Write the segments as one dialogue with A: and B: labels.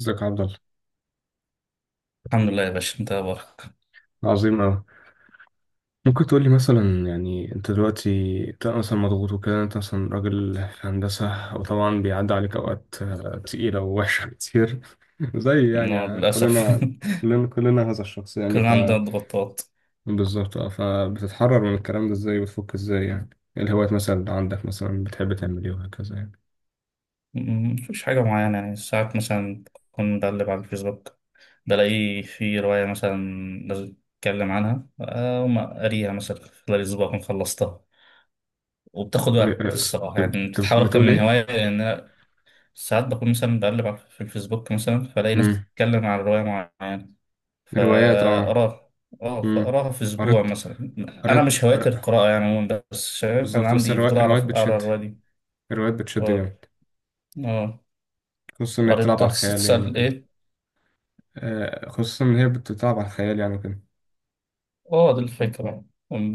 A: ازيك يا عبد الله.
B: الحمد لله يا باشا، انت إيه اخبارك؟
A: عظيم أوي. ممكن تقول لي مثلا يعني أنت دلوقتي أنت مثلا مضغوط وكده، أنت مثلا راجل في هندسة وطبعا بيعدي عليك أوقات تقيلة ووحشة كتير زي يعني
B: انا للاسف.
A: كلنا. كلنا هذا الشخص يعني
B: كان عندنا ضغوطات.
A: بالظبط. أه، فبتتحرر من الكلام ده إزاي وتفك إزاي يعني. إيه الهوايات مثلا اللي عندك، مثلا بتحب تعمل إيه وهكذا يعني.
B: مفيش حاجه معينه، يعني ساعات مثلا كنت بقلب على الفيسبوك، بلاقي في روايه مثلا لازم اتكلم عنها، اقوم قاريها مثلا، خلال اسبوع اكون خلصتها. وبتاخد وقت
A: آه،
B: الصراحه،
A: آه،
B: يعني
A: أنت
B: بتتحول اكتر
A: بتقول
B: من
A: إيه؟
B: هوايه، لان انا ساعات بكون مثلا في الفيسبوك مثلا، فلاقي ناس
A: مم.
B: بتتكلم عن روايه معينه
A: روايات أه.
B: فأقراها. اه،
A: مم.
B: فأقراها في أسبوع
A: قريت
B: مثلا. أنا
A: قريت
B: مش هوايتي
A: قر-
B: القراءة يعني عموما، بس فاهم أنا
A: بالظبط. بس
B: عندي فضول
A: الروايات
B: أعرف أقرا
A: بتشد.
B: الرواية دي.
A: الروايات بتشد
B: اه،
A: جامد.
B: اه،
A: خصوصا إن هي
B: قريت
A: بتلعب على الخيال يعني
B: تسأل
A: وكده.
B: إيه؟
A: خصوصا إن هي بتلعب على الخيال يعني وكده.
B: اه، دي الفكرة.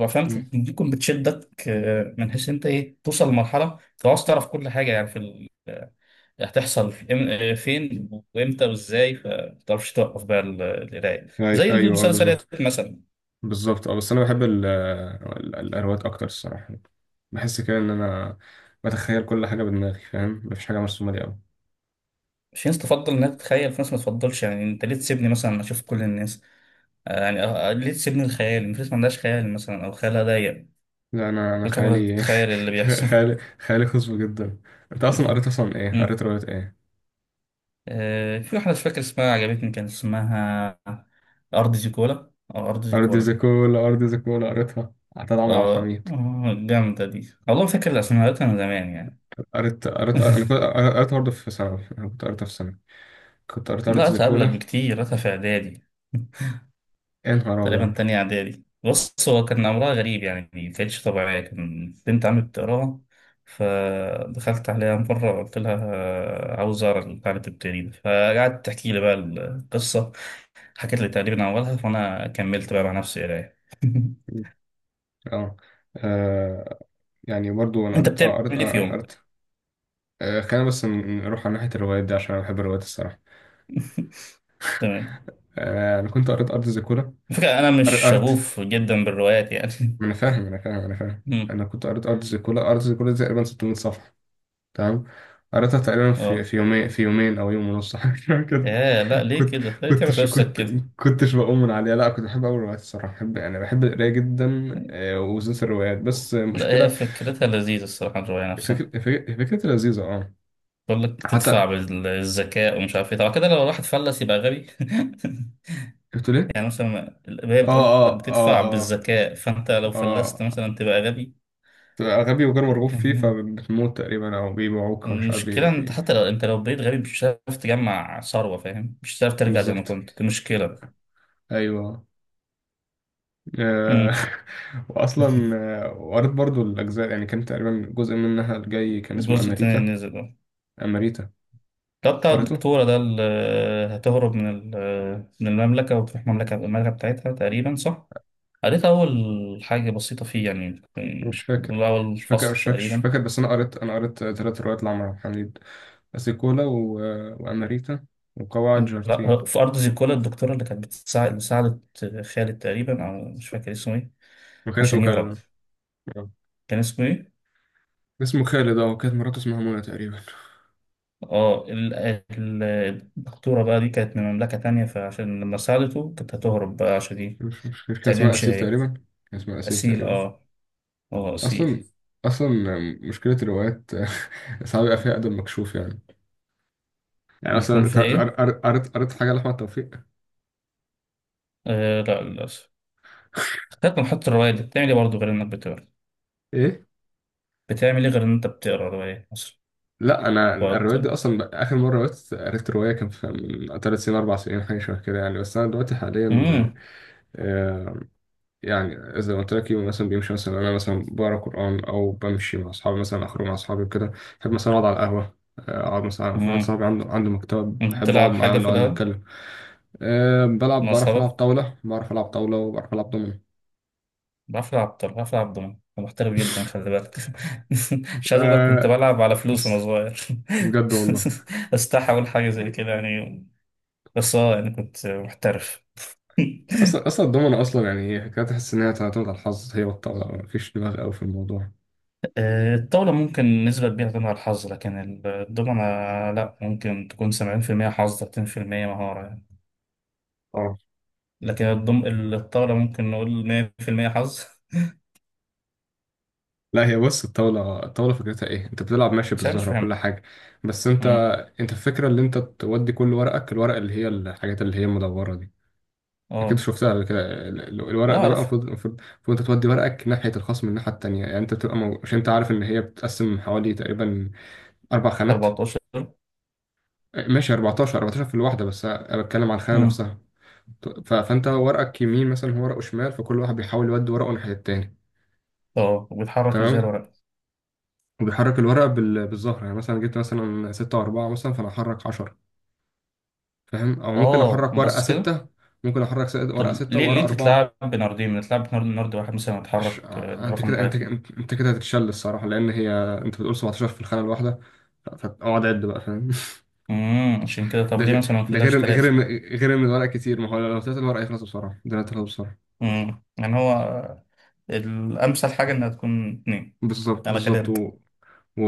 B: فهمت،
A: مم.
B: ممكن بتشدك من حيث أنت إيه، توصل لمرحلة أنت عاوز تعرف كل حاجة، يعني في ال... آه، هتحصل في فين وإمتى وإزاي، فمتعرفش توقف بقى القراية، زي
A: أيوه،
B: المسلسلات
A: بالظبط.
B: مثلا.
A: بالظبط أه، بس أنا بحب الأرواق أكتر الصراحة يعني. بحس كده إن أنا بتخيل كل حاجة بدماغي، فاهم، مفيش حاجة مرسومة لي أوي.
B: في ناس تفضل انها تتخيل، في ناس ما تفضلش، يعني انت ليه تسيبني مثلا اشوف كل الناس؟ يعني ليه تسيبني الخيال؟ الناس ما عندهاش خيال مثلا، او خيالها ضيق.
A: لا، أنا
B: كنت عارفة
A: خيالي.
B: تتخيل اللي بيحصل.
A: خيالي خصب جدا. أنت أصلا قريت أصلا إيه؟
B: أمم.
A: قريت رواية إيه؟
B: في واحدة مش فاكر اسمها، عجبتني. كان اسمها أرض زيكولا، أو أرض
A: أرض
B: زيكولا.
A: زيكولا. قريتها عطاء عمرو عبد
B: اه.
A: الحميد.
B: جامدة دي والله، فاكر الأسماء، قريتها من زمان يعني.
A: قريت قريت أنا كنت قريتها برضه في ثانوي، أنا كنت قريتها في ثانوي. كنت قريت أرض
B: لا، قريتها قبلك
A: زيكولا.
B: بكتير، قريتها في إعدادي،
A: يا نهار
B: تقريبا
A: أبيض.
B: تانية إعدادي. بص هو كان أمرها غريب يعني، ما كانتش طبيعية. كان بنت عمي بتقراها، فدخلت عليها مرة قلت لها عاوز أقرا البتاع اللي بتبتدي ده، فقعدت تحكي لي بقى القصة. حكيت لي تقريبا أولها، فأنا كملت بقى مع نفسي قراية.
A: اه، آه، يعني برضو انا
B: أنت
A: قريت اه،
B: بتعمل إيه في يوم؟
A: قريت. خلينا بس نروح على ناحية الروايات دي، عشان انا بحب الروايات الصراحة.
B: تمام.
A: انا كنت قريت ارض زيكولا.
B: الفكرة أنا
A: قريت
B: مش
A: قريت
B: شغوف جدا بالروايات يعني.
A: ما انا فاهم.
B: مم.
A: انا كنت قريت ارض زيكولا. ارض زيكولا دي تقريبا 600 صفحة. تمام. قريتها تقريبا
B: أه.
A: في يومين، يومين او يوم ونص، حاجة شبه كده.
B: يا لا، ليه
A: كنت
B: كده؟ ليه تعمل
A: كنتش
B: نفسك
A: كنت
B: كده؟
A: كنتش بقوم من عليها. لا كنت بحب اول الروايات الصراحة، بحب انا بحب القراية جدا. وبالذات الروايات، بس
B: لا هي
A: المشكلة...
B: فكرتها لذيذة الصراحة، الرواية نفسها.
A: فكرة، لذيذة اه.
B: بقول لك تدفع
A: حتى
B: بالذكاء ومش عارف ايه، طبعا كده لو الواحد فلس يبقى غبي.
A: قلت،
B: يعني مثلا هي
A: اه
B: بتقول لك
A: اه اه
B: بتدفع بالذكاء، فانت لو
A: اه
B: فلست
A: اه،
B: مثلا تبقى غبي.
A: تبقى غبي وغير مرغوب فيه فبتموت تقريبا او بيبيعوك ومش عارف بي
B: المشكلة انت
A: بي
B: حتى لو بقيت غبي مش هتعرف تجمع ثروة، فاهم، مش هتعرف ترجع زي ما
A: بالظبط،
B: كنت، دي مشكلة.
A: ايوه، آه،
B: مم.
A: واصلا. وقريت برضو الاجزاء يعني، كان تقريبا جزء منها الجاي كان اسمه
B: الجزء
A: اماريتا.
B: التاني نزل ده
A: اماريتا
B: ده بتاع
A: قريته.
B: الدكتورة ده اللي هتهرب من من المملكة، وتروح المملكة بتاعتها تقريبا، صح؟ قريت أول حاجة بسيطة فيه يعني،
A: مش فاكر
B: من أول فصل
A: مش
B: تقريبا.
A: فاكر، بس انا قريت، ثلاث روايات لعمر عبد الحميد: اسيكولا و... واماريتا وقواعد
B: لا
A: جارتين.
B: هو في أرض زيكولا الدكتورة اللي كانت بتساعد، اللي ساعدت خالد تقريبا، أو مش فاكر اسمه إيه،
A: وكان اسمه
B: عشان يهرب.
A: خالد. آه.
B: كان اسمه إيه؟
A: اسمه خالد اه، وكانت مراته اسمها منى تقريبا.
B: آه ال- الدكتورة بقى دي كانت من مملكة تانية، فعشان لما ساعدته كانت هتهرب بقى، عشان دي
A: مش مش مش كان اسمها
B: متتعلمش
A: الأسيل
B: هي.
A: تقريبا. كان اسمها الأسيل
B: أسيل،
A: تقريبا.
B: آه. آه، أسيل.
A: أصلا أصلا مشكلة الروايات، ساعات بيبقى فيها أدب مكشوف يعني. يعني مثلا
B: بيكون
A: أنت
B: فيها إيه؟
A: قريت حاجة لأحمد توفيق؟
B: آه لا، للأسف. خدت من حط الرواية دي بتعمل إيه برضه غير إنك بتقرا؟
A: ايه؟
B: بتعمل إيه غير إن أنت بتقرا رواية أصلا؟
A: لا، أنا
B: وقت-
A: الروايات دي أصلا آخر مرة قريت رواية كان في من تلات سنين، أربع سنين، حاجة شبه كده يعني، بس أنا دلوقتي حاليا...
B: مم.
A: آه، يعني زي ما قلت لك، يوم مثلا بيمشي مثلا أنا مثلا بقرا قرآن أو بمشي مع أصحابي، مثلا أخرج مع أصحابي وكده، بحب مثلا أقعد على القهوة. أقعد مثلا في واحد
B: مم.
A: صاحبي عنده مكتبة، بحب
B: بتلعب
A: أقعد معاه
B: حاجة في
A: ونقعد
B: الأول؟
A: نتكلم. أه بلعب،
B: مع
A: بعرف ألعب
B: أصحابك؟
A: طاولة، وبعرف ألعب دومينو.
B: بعرف العب دومنة، أنا محترف جدا، خلي بالك. مش عايز اقول لك كنت
A: أه
B: بلعب على فلوس
A: بص،
B: وانا صغير.
A: بجد والله.
B: استحى اقول حاجة زي كده يعني، بس اه يعني كنت محترف.
A: أصلا الدومينو أصلا يعني هي حكاية، تحس إن هي تعتمد على الحظ، هي والطاولة، مفيش دماغ أوي في الموضوع.
B: الطاولة ممكن نسبة كبيرة تعتمد على الحظ، لكن الدومنة لا، ممكن تكون 70% حظ، 30% مهارة يعني.
A: اه،
B: لكن الطاولة ممكن نقول 100% حظ.
A: لا هي بص، الطاولة فكرتها إيه، أنت بتلعب ماشي
B: مش عارف، مش
A: بالزهرة وكل
B: فاهم.
A: حاجة. بس أنت...
B: مم.
A: أنت الفكرة اللي أنت تودي كل ورقك، الورق اللي هي الحاجات اللي هي المدورة دي، أكيد
B: اه،
A: شفتها قبل كده.
B: اه،
A: الورق ده بقى
B: عارف.
A: المفروض، أنت تودي ورقك ناحية الخصم، الناحية التانية يعني. أنت بتبقى مش، أنت عارف إن هي بتتقسم حوالي تقريبا أربع خانات،
B: 14.
A: ماشي، 14، 14 في الواحدة، بس أنا بتكلم على الخانة
B: مم.
A: نفسها. فأنت ورقك يمين مثلا، هو ورقه شمال، فكل واحد بيحاول يودي ورقه ناحية التاني.
B: اه، وبيتحرك ازاي
A: تمام.
B: الورق؟
A: وبيحرك الورقة بالظهر. يعني مثلا جبت مثلا ستة وأربعة مثلا، فأنا أحرك عشرة، فاهم، أو ممكن
B: اه،
A: أحرك ورقة
B: بس كده؟
A: ستة، ممكن أحرك ورقة
B: طب
A: ستة
B: ليه
A: وورقة
B: ليه
A: أربعة.
B: تتلعب بناردين؟ ما تتلعب بنارد، نارد واحد مثلا
A: عش...
B: يتحرك
A: أنت
B: الرقم
A: كده،
B: اللي
A: أنت
B: هيطلع.
A: أنت أنت كده هتتشل الصراحة، لأن هي أنت بتقول 17 في الخانة الواحدة، فأقعد عد بقى، فاهم.
B: عشان كده. طب
A: ده
B: ليه
A: غير
B: مثلا ما
A: ده
B: تلاش
A: غير إن غير
B: ثلاثة؟
A: إن غير إن الورق كتير، ما هو لو طلعت الورق يخلص بسرعة، ده هيخلص بسرعة.
B: يعني هو الامثل حاجة انها تكون اتنين،
A: بالظبط
B: على
A: بالظبط
B: كلامك.
A: و... و...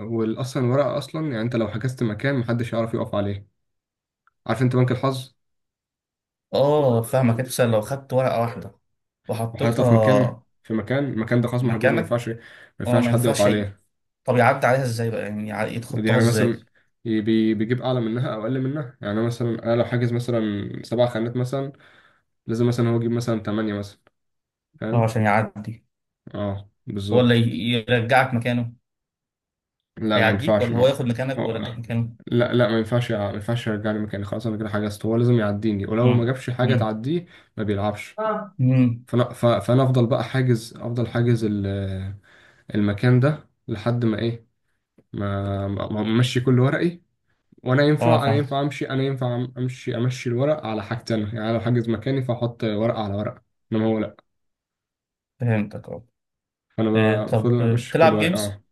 A: والأصلا الورقة أصلا يعني، أنت لو حجزت مكان محدش يعرف يقف عليه. عارف، أنت بنك الحظ.
B: اه، فاهمك، انت مثلا لو خدت ورقة واحدة
A: وحاططها في مكان،
B: وحطيتها
A: المكان ده خلاص محجوز، ما
B: مكانك.
A: ينفعش،
B: اه، ما
A: حد يقف
B: ينفعش
A: عليه.
B: طب يعدي عليها ازاي بقى، يعني يتخطاها
A: يعني
B: ازاي؟
A: مثلا بيجيب أعلى منها أو أقل منها. يعني أنا مثلا، أنا لو حاجز مثلا سبع خانات مثلا، لازم مثلا هو يجيب مثلا تمانية مثلا،
B: اه،
A: فاهم؟
B: عشان يعدي؟
A: أه
B: ولا
A: بالظبط.
B: يرجعك مكانه؟
A: لا ما
B: هيعديك
A: ينفعش،
B: ولا هو
A: ما
B: ياخد مكانك
A: هو
B: ويرجعك مكانه؟
A: لا، لا ما ينفعش ما ينفعش يرجعني مكاني، خلاص أنا كده حجزت، هو لازم يعديني، ولو ما
B: امم
A: جابش حاجة
B: امم
A: تعديه ما بيلعبش.
B: اه. مم.
A: فانا افضل بقى حاجز المكان ده لحد ما ايه، ما ما- ما امشي كل ورقي. وانا ينفع انا
B: فاهم،
A: ينفع امشي انا ينفع أم- امشي، الورق على حاجتين، يعني لو حاجز مكاني فاحط ورقه على ورقه، انما هو لا.
B: فهمتك. اه.
A: فانا بفضل
B: طب
A: امشي كل
B: بتلعب
A: ورقه
B: جيمز؟
A: اه.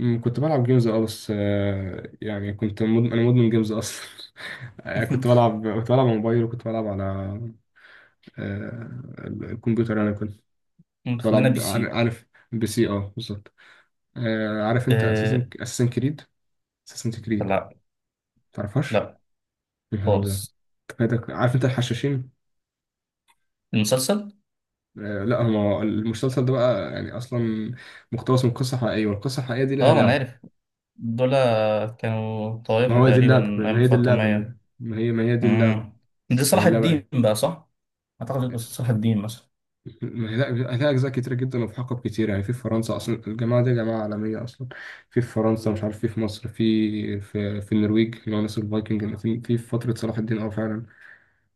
A: أمم، كنت بلعب جيمز اه، بس يعني كنت مدمن، انا مدمن جيمز اصلا. كنت بلعب، على موبايل، وكنت بلعب على الكمبيوتر. انا كنت كنت
B: خلينا
A: بلعب.
B: PC.
A: عارف بي سي؟ اه بالظبط. آه عارف انت
B: آه،
A: اساسن كريد؟
B: لا،
A: تعرفهاش؟
B: لا،
A: يا نهار أبيض.
B: خالص.
A: أنت فايتك. عارف انت الحشاشين؟
B: المسلسل.
A: آه لا، هو المسلسل ده بقى يعني اصلا مقتبس من قصه حقيقيه، والقصه الحقيقيه دي لها
B: اه، ما انا
A: لعبه.
B: عارف، دول كانوا
A: ما
B: طائفة
A: هو دي
B: تقريبا
A: اللعبه، ما
B: ايام
A: هي دي اللعبه ما هي
B: الفاطمية.
A: ما هي ما هي دي اللعبه
B: امم دي
A: ما هي
B: صلاح
A: اللعبه
B: الدين
A: ايه.
B: بقى، صح؟ اعتقد، بس صلاح الدين مثلا.
A: ما هي لا، لها اجزاء كتيره جدا وفي حقب كتير يعني. في فرنسا اصلا، الجماعه دي جماعه عالميه اصلا. في فرنسا، مش عارف، في مصر، في النرويج، اللي هو ناس الفايكنج، في فتره صلاح الدين اه فعلا،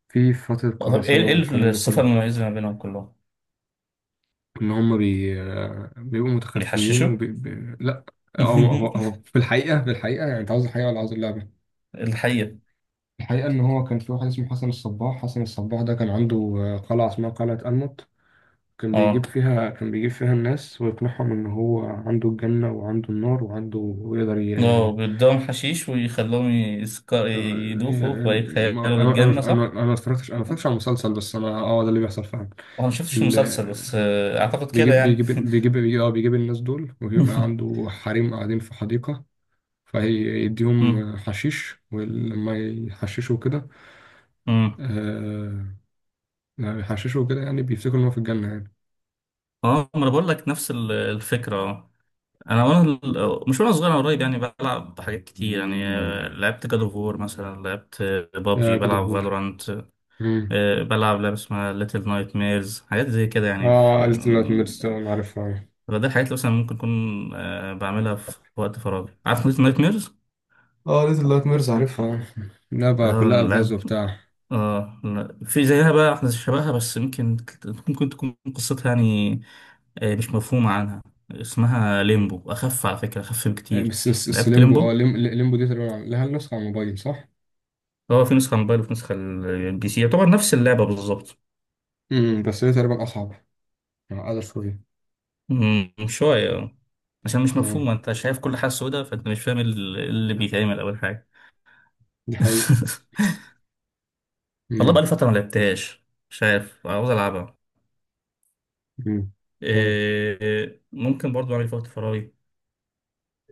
A: في فتره
B: طب ايه
A: قراصنه والكلام ده
B: الصفة
A: كله.
B: المميزة ما بينهم كلهم؟
A: ان هم بيبقوا متخفيين
B: بيحششوا.
A: لا. هو هو هو في الحقيقه، يعني انت عاوز الحقيقه ولا عاوز اللعبه؟
B: الحقيقة.
A: الحقيقه ان هو كان في واحد اسمه حسن الصباح، حسن الصباح ده كان عنده قلعه اسمها قلعه الموت. كان بيجيب
B: اه،
A: فيها، الناس ويقنعهم ان هو عنده الجنه وعنده النار وعنده، ويقدر
B: اه، بيدوهم حشيش ويخلوهم يسكر يدوخوا فيتخيلوا الجنة، صح؟
A: انا ما اتفرجتش، على المسلسل، بس انا اه ده اللي بيحصل فعلا.
B: وانا ما شفتش
A: ال...
B: المسلسل، بس اعتقد كده
A: بيجيب
B: يعني.
A: بيجيب بيجيب بيجيب، آه بيجيب الناس دول، وبيبقى عنده حريم قاعدين في حديقة،
B: مم.
A: فيديهم حشيش، ولما يحششوا كده...
B: مم.
A: آه، لما يحششوا كده يعني بيفتكروا إن هو في الجنة يعني.
B: اه، ما انا بقول لك نفس الفكره. اه. انا مش وانا صغير، انا قريب يعني بلعب حاجات كتير يعني. لعبت جاد اوف وور مثلا، لعبت
A: يا
B: بابجي،
A: كده
B: بلعب
A: بور.
B: فالورانت،
A: مم.
B: بلعب لعبه اسمها ليتل نايت ميرز، حاجات زي كده يعني
A: اه
B: في
A: قالت إن أنا ميرس،
B: مم،
A: أنا عارفها.
B: فده الحاجات اللي مثلا ممكن اكون بعملها في وقت فراغي. عارف ليتل نايت
A: اه قالت إن ميرس عارفها. لا بقى كلها ألغاز
B: ميرز؟
A: وبتاع.
B: اه، لا، في زيها بقى احنا شبهها، بس يمكن ممكن تكون قصتها يعني مش مفهومة عنها. اسمها ليمبو، أخف على فكرة، أخف بكتير.
A: بس
B: لعبت
A: ليمبو اه،
B: ليمبو.
A: ليمبو دي تقريبا لها النسخة على الموبايل صح؟
B: هو في نسخة موبايل وفي نسخة الـPC، يعتبر نفس اللعبة بالظبط.
A: مم. بس هي تقريبا أصعب، أقل شوية.
B: شوية. آه. عشان مش
A: اه
B: مفهومة، أنت شايف كل حاجة سودة، فأنت مش فاهم اللي بيتعمل أول حاجة.
A: دي حقيقة.
B: والله
A: مم.
B: بقالي فترة ما لعبتهاش، مش عارف، عاوز ألعبها.
A: مم. تمام.
B: إيه، ممكن برضو أعمل في وقت فراغي.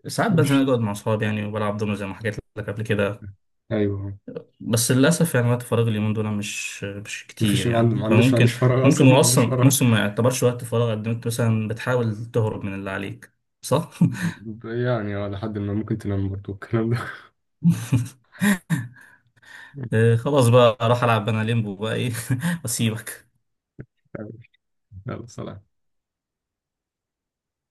B: ساعات بنزل
A: ماشي.
B: اقعد مع اصحابي يعني، وبلعب دومينو زي ما حكيت لك قبل كده.
A: ايوه.
B: بس للاسف يعني، وقت فراغي اليومين دول مش
A: مفيش،
B: كتير يعني،
A: ما عنديش،
B: فممكن.
A: فراغ
B: ممكن
A: اصلا، ما
B: هو
A: عنديش
B: اصلا
A: فراغ.
B: ممكن ما يعتبرش وقت فراغ، قد ما انت مثلا بتحاول تهرب من اللي عليك، صح؟
A: يعني اه، لحد ما ممكن تنام برضه الكلام ده.
B: خلاص بقى اروح العب انا ليمبو بقى ايه. واسيبك.
A: يلا سلام.